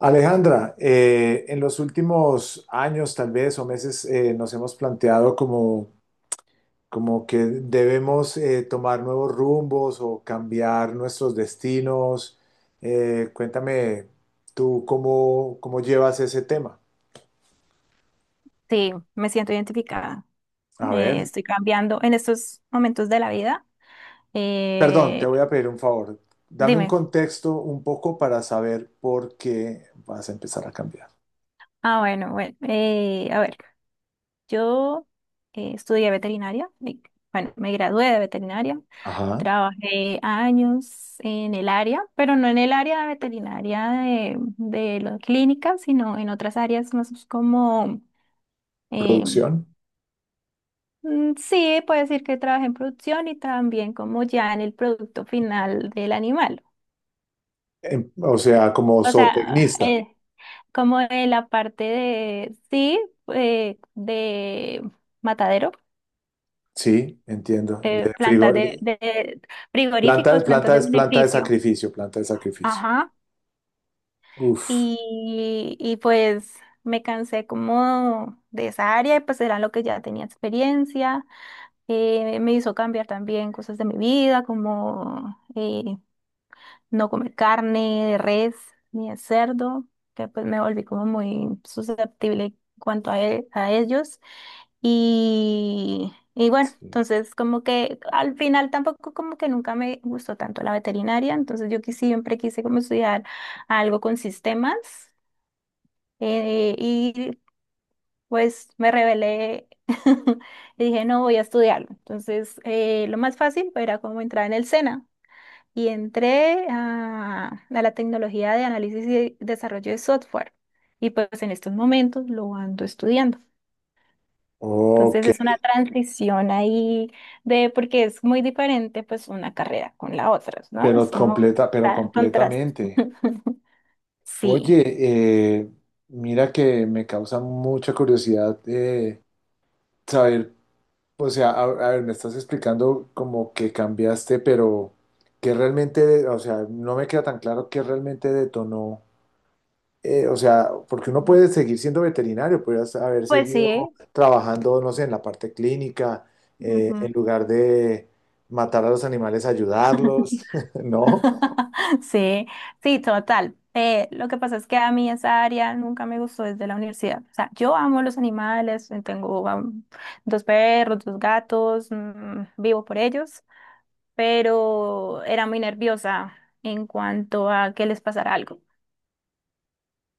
Alejandra, en los últimos años tal vez o meses, nos hemos planteado como que debemos tomar nuevos rumbos o cambiar nuestros destinos. Cuéntame tú cómo llevas ese tema. Sí, me siento identificada. A ver, Estoy cambiando en estos momentos de la vida. perdón, te Eh, voy a pedir un favor. Dame un dime. contexto un poco para saber por qué vas a empezar a cambiar. Ah, bueno, bueno. A ver, yo estudié veterinaria. Y, bueno, me gradué de veterinaria. Ajá, Trabajé años en el área, pero no en el área de veterinaria de la clínica, sino en otras áreas más como, eh, producción. mm, sí, puedo decir que trabajé en producción y también como ya en el producto final del animal. O sea, como O sea, zootecnista. Como de la parte de, sí, de matadero, Sí, entiendo. De frigo. plantas de frigoríficos, plantas Planta de es planta de beneficio. sacrificio, planta de sacrificio. Ajá. Uf. Y pues me cansé como de esa área y pues era lo que ya tenía experiencia. Me hizo cambiar también cosas de mi vida, como no comer carne de res ni de cerdo, que pues me volví como muy susceptible en cuanto a, a ellos. Y bueno, Sí. entonces como que al final tampoco como que nunca me gustó tanto la veterinaria, entonces yo que siempre quise como estudiar algo con sistemas, y pues me rebelé y dije no voy a estudiarlo. Entonces lo más fácil era como entrar en el SENA y entré a la tecnología de análisis y desarrollo de software. Y pues en estos momentos lo ando estudiando. Entonces Ok, es una transición ahí de, porque es muy diferente pues una carrera con la otra, ¿no? Es como pero tan contraste. completamente. Sí, Oye, mira que me causa mucha curiosidad, saber, o sea, a ver, me estás explicando como que cambiaste, pero que realmente, o sea, no me queda tan claro qué realmente detonó. O sea, porque uno puede seguir siendo veterinario, puedes haber pues sí. seguido trabajando, no sé, en la parte clínica, Ujú. en lugar de matar a los animales, ayudarlos, ¿no? Sí, sí, total. Lo que pasa es que a mí esa área nunca me gustó desde la universidad. O sea, yo amo los animales, tengo dos perros, dos gatos, mm, vivo por ellos, pero era muy nerviosa en cuanto a que les pasara algo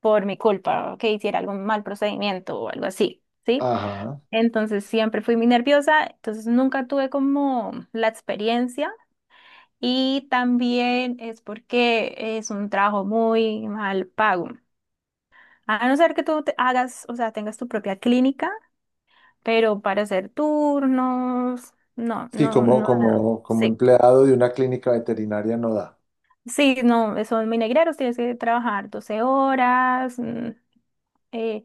por mi culpa, o que hiciera algún mal procedimiento o algo así, ¿sí? Ajá. Entonces siempre fui muy nerviosa, entonces nunca tuve como la experiencia y también es porque es un trabajo muy mal pago. A no ser que tú te hagas, o sea, tengas tu propia clínica, pero para hacer turnos, no, Sí, no, como, no da. como, como Sí, empleado de una clínica veterinaria no da sí, no, son muy negreros, tienes que trabajar 12 horas. Eh,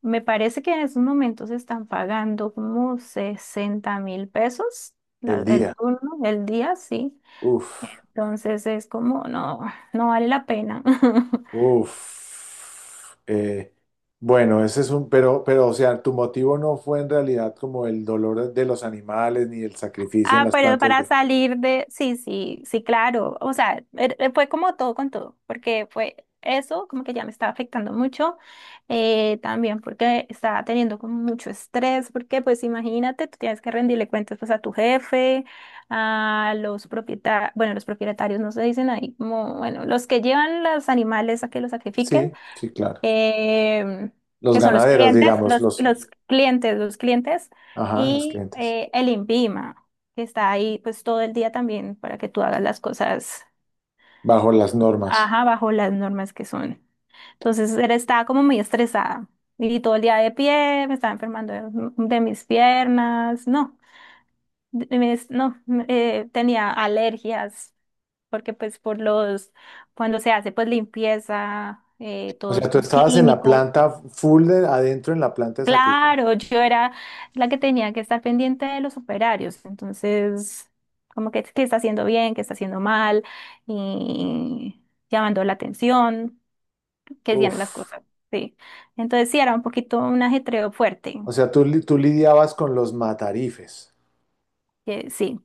Me parece que en estos momentos están pagando como $60,000 el el día. turno, el día, sí. Uf, Entonces es como, no, no vale la pena. uf. Bueno, ese es un, o sea, tu motivo no fue en realidad como el dolor de los animales ni el sacrificio en Ah, las pero plantas para de. salir de, sí, sí, sí, claro. O sea, fue como todo con todo, porque fue eso, como que ya me estaba afectando mucho, también porque estaba teniendo como mucho estrés, porque pues imagínate, tú tienes que rendirle cuentas pues a tu jefe, a los propietarios, bueno, los propietarios no se dicen ahí, como, bueno, los que llevan los animales a que los sacrifiquen, Sí, sí, claro. em, Los que son los ganaderos, clientes, digamos, los, los clientes, los clientes, ajá, los y clientes, el INVIMA, que está ahí pues todo el día también para que tú hagas las cosas, bajo las normas. ajá, bajo las normas que son. Entonces era, estaba como muy estresada y todo el día de pie, me estaba enfermando de mis piernas, no, no, tenía alergias, porque pues por los, cuando se hace pues limpieza, O todos sea, tú estos estabas en la químicos. planta full adentro en la planta de sacrificio. Claro, yo era la que tenía que estar pendiente de los operarios, entonces, como que qué está haciendo bien, qué está haciendo mal, y llamando la atención, que hacían las Uf. cosas, sí. Entonces sí, era un poquito un ajetreo fuerte, O sea, tú lidiabas con los matarifes. que sí.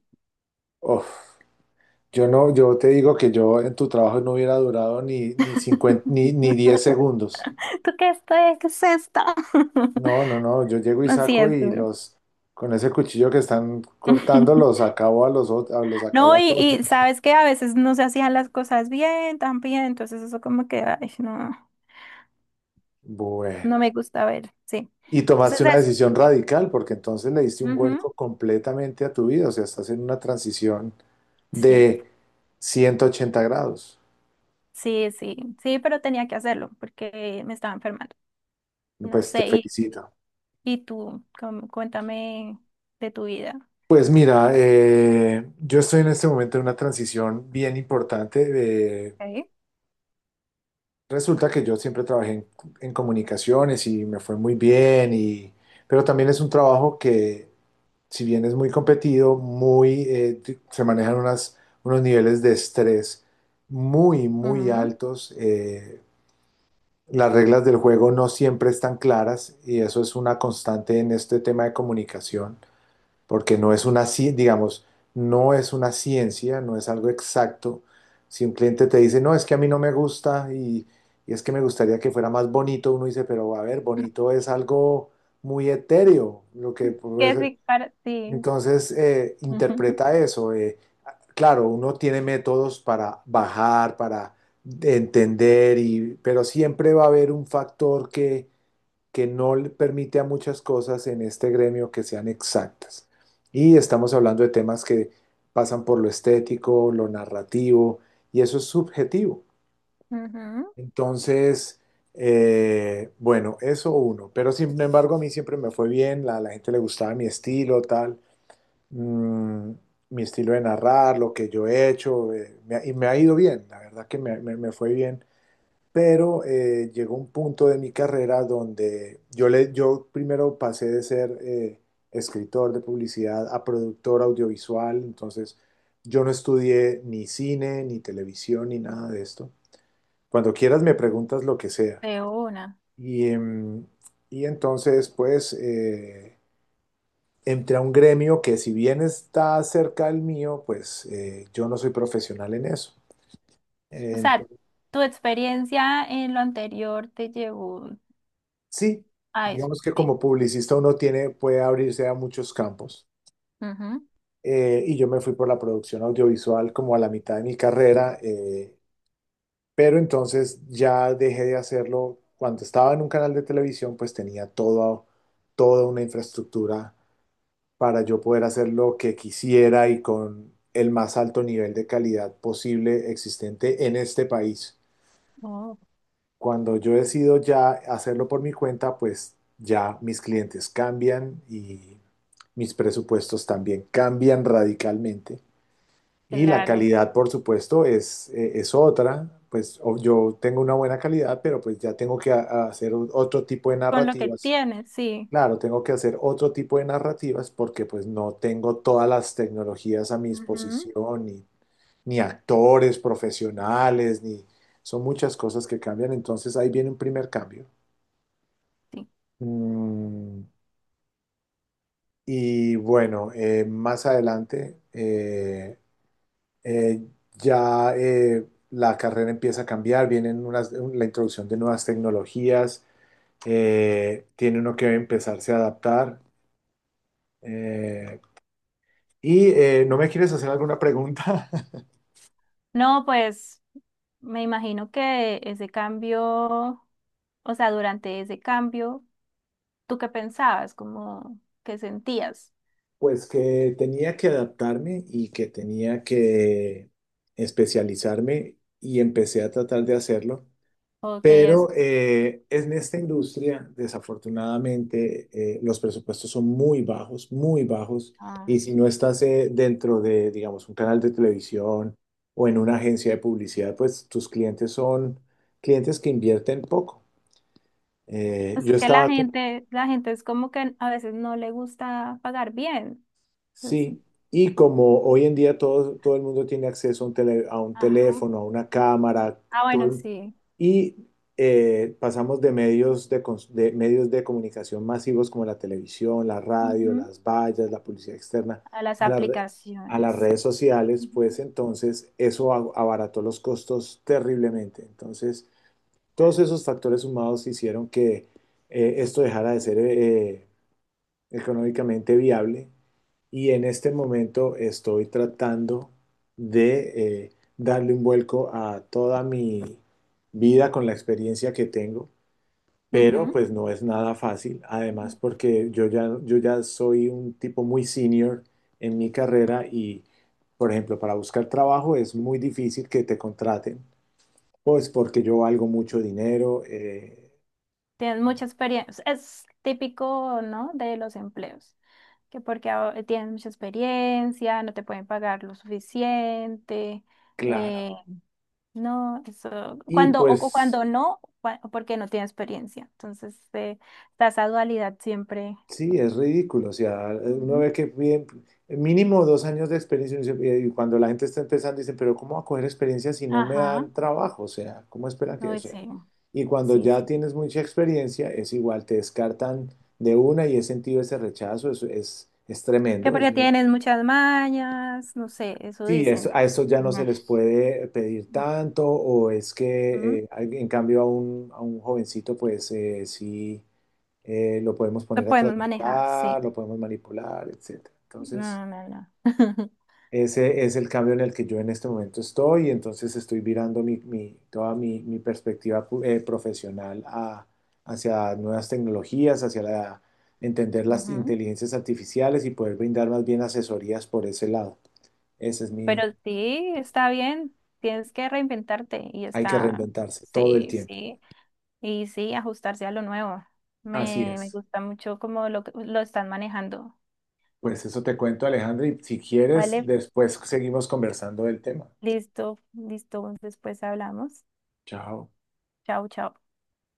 Uf. Yo no, yo te digo que yo en tu trabajo no hubiera durado ni 50 ni 10 segundos. ¿Tú qué esto es? ¿Qué es esto? No, no, no. Yo llego y Así saco es y duro. los, con ese cuchillo que están cortando, los acabo a los, ot- a los No, acabo a y, todos. y sabes que a veces no se hacían las cosas bien, también, entonces eso como que, ay, no, no Bueno. me gusta ver, sí. Y Entonces tomaste una decisión radical porque entonces le diste un eso. vuelco completamente a tu vida, o sea, estás en una transición Sí, de 180 grados. sí, sí, sí, pero tenía que hacerlo porque me estaba enfermando. No Pues te sé, felicito. y tú, cuéntame de tu vida. Pues mira, yo estoy en este momento en una transición bien importante. eh, Ok. resulta que yo siempre trabajé en comunicaciones y me fue muy bien, y, pero también es un trabajo que si bien es muy competido, muy, se manejan unos niveles de estrés muy, muy Ujú. altos. Las reglas del juego no siempre están claras y eso es una constante en este tema de comunicación, porque no es digamos, no es una ciencia, no es algo exacto. Si un cliente te dice, no, es que a mí no me gusta y es que me gustaría que fuera más bonito, uno dice, pero a ver, bonito es algo muy etéreo, lo que pues, ¿Qué sí para ti? entonces, Ujú, interpreta eso. Claro, uno tiene métodos para bajar, para entender, y, pero siempre va a haber un factor que no le permite a muchas cosas en este gremio que sean exactas. Y estamos hablando de temas que pasan por lo estético, lo narrativo, y eso es subjetivo. ujú, Entonces, bueno, eso uno. Pero sin embargo, a mí siempre me fue bien, la gente le gustaba mi estilo, mm, mi estilo de narrar, lo que yo he hecho, y me ha ido bien, la verdad que me fue bien, pero llegó un punto de mi carrera donde yo primero pasé de ser escritor de publicidad a productor audiovisual, entonces yo no estudié ni cine, ni televisión, ni nada de esto. Cuando quieras me preguntas lo que sea. de una. Y, em, y entonces, pues, entré a un gremio que si bien está cerca del mío, pues yo no soy profesional en eso. Eh, O sea, entonces, tu experiencia en lo anterior te llevó sí, a eso. digamos que Sí. como publicista uno tiene, puede abrirse a muchos campos. Ujú. Y yo me fui por la producción audiovisual como a la mitad de mi carrera, pero entonces ya dejé de hacerlo. Cuando estaba en un canal de televisión, pues tenía toda una infraestructura para yo poder hacer lo que quisiera y con el más alto nivel de calidad posible existente en este país. Oh, Cuando yo decido ya hacerlo por mi cuenta, pues ya mis clientes cambian y mis presupuestos también cambian radicalmente. Y la claro. calidad, por supuesto, es otra. Pues yo tengo una buena calidad, pero pues ya tengo que a hacer otro tipo de Con lo que narrativas. tienes, sí. Claro, tengo que hacer otro tipo de narrativas porque pues no tengo todas las tecnologías a mi Ujú, disposición, ni actores profesionales, ni son muchas cosas que cambian, entonces ahí viene un primer cambio. sí. Mm, y bueno, más adelante, eh, ya la carrera empieza a cambiar, vienen unas, la introducción de nuevas tecnologías, tiene uno que empezarse a adaptar. eh, Y, ¿no me quieres hacer alguna pregunta? No, pues me imagino que ese cambio. O sea, durante ese cambio, ¿tú qué pensabas? ¿Cómo qué sentías? Pues que tenía que adaptarme y que tenía que especializarme y empecé a tratar de hacerlo, ¿O qué es? pero en esta industria, desafortunadamente, los presupuestos son muy bajos, Ay, y si no estás dentro de, digamos, un canal de televisión o en una agencia de publicidad, pues tus clientes son clientes que invierten poco. Pues Yo es que estaba. La gente es como que a veces no le gusta pagar bien. Entonces, Sí, y como hoy en día todo el mundo tiene acceso a un ajá. teléfono, a una cámara, Ah, todo bueno, el- sí. y pasamos de medios de comunicación masivos como la televisión, la radio, Ujú. las vallas, la publicidad externa, A las a la re- a las aplicaciones. redes sociales, pues entonces eso abarató los costos terriblemente. Entonces, todos esos factores sumados hicieron que esto dejara de ser económicamente viable y en este momento estoy tratando de darle un vuelco a toda mi vida con la experiencia que tengo, pero Ujú. pues no es nada fácil, además Ujú. porque yo ya soy un tipo muy senior en mi carrera y, por ejemplo, para buscar trabajo es muy difícil que te contraten, pues porque yo valgo mucho dinero, Tienen mucha experiencia. Es típico, ¿no? De los empleos. Que porque ah, tienes mucha experiencia, no te pueden pagar lo suficiente. eh, claro, No, eso, y cuando, o pues. cuando no, porque no tiene experiencia. Entonces, está esa dualidad siempre. Sí, es ridículo. O sea, uno Ujú. ve que piden mínimo 2 años de experiencia y cuando la gente está empezando dicen, pero ¿cómo va a coger experiencia si no me Ajá, dan trabajo? O sea, ¿cómo esperan que? O no, sea, sí, y cuando sí, ya sí. tienes mucha experiencia, es igual, te descartan de una y he sentido ese rechazo, es Que tremendo. Porque tienes muchas mañas, no sé, eso Sí, dicen. a eso ya Ujú. no se les puede pedir tanto o es que Ujú. En cambio a un jovencito, pues sí, lo podemos Lo poner a podemos manejar, sí. trasnochar, lo podemos manipular, etcétera. Entonces, No, no, no. ese es el cambio en el que yo en este momento estoy, y entonces estoy virando toda mi perspectiva profesional hacia nuevas tecnologías, hacia la, entender las Ujú. inteligencias artificiales y poder brindar más bien asesorías por ese lado. Ese es mi, Pero sí, está bien, tienes que reinventarte y hay que está, reinventarse todo el sí, tiempo. sí. Y sí, ajustarse a lo nuevo. Así Me es. gusta mucho cómo lo están manejando. Pues eso te cuento, Alejandro, y si quieres, Vale, después seguimos conversando del tema. listo, listo. Después hablamos. Chao. Chao, chao.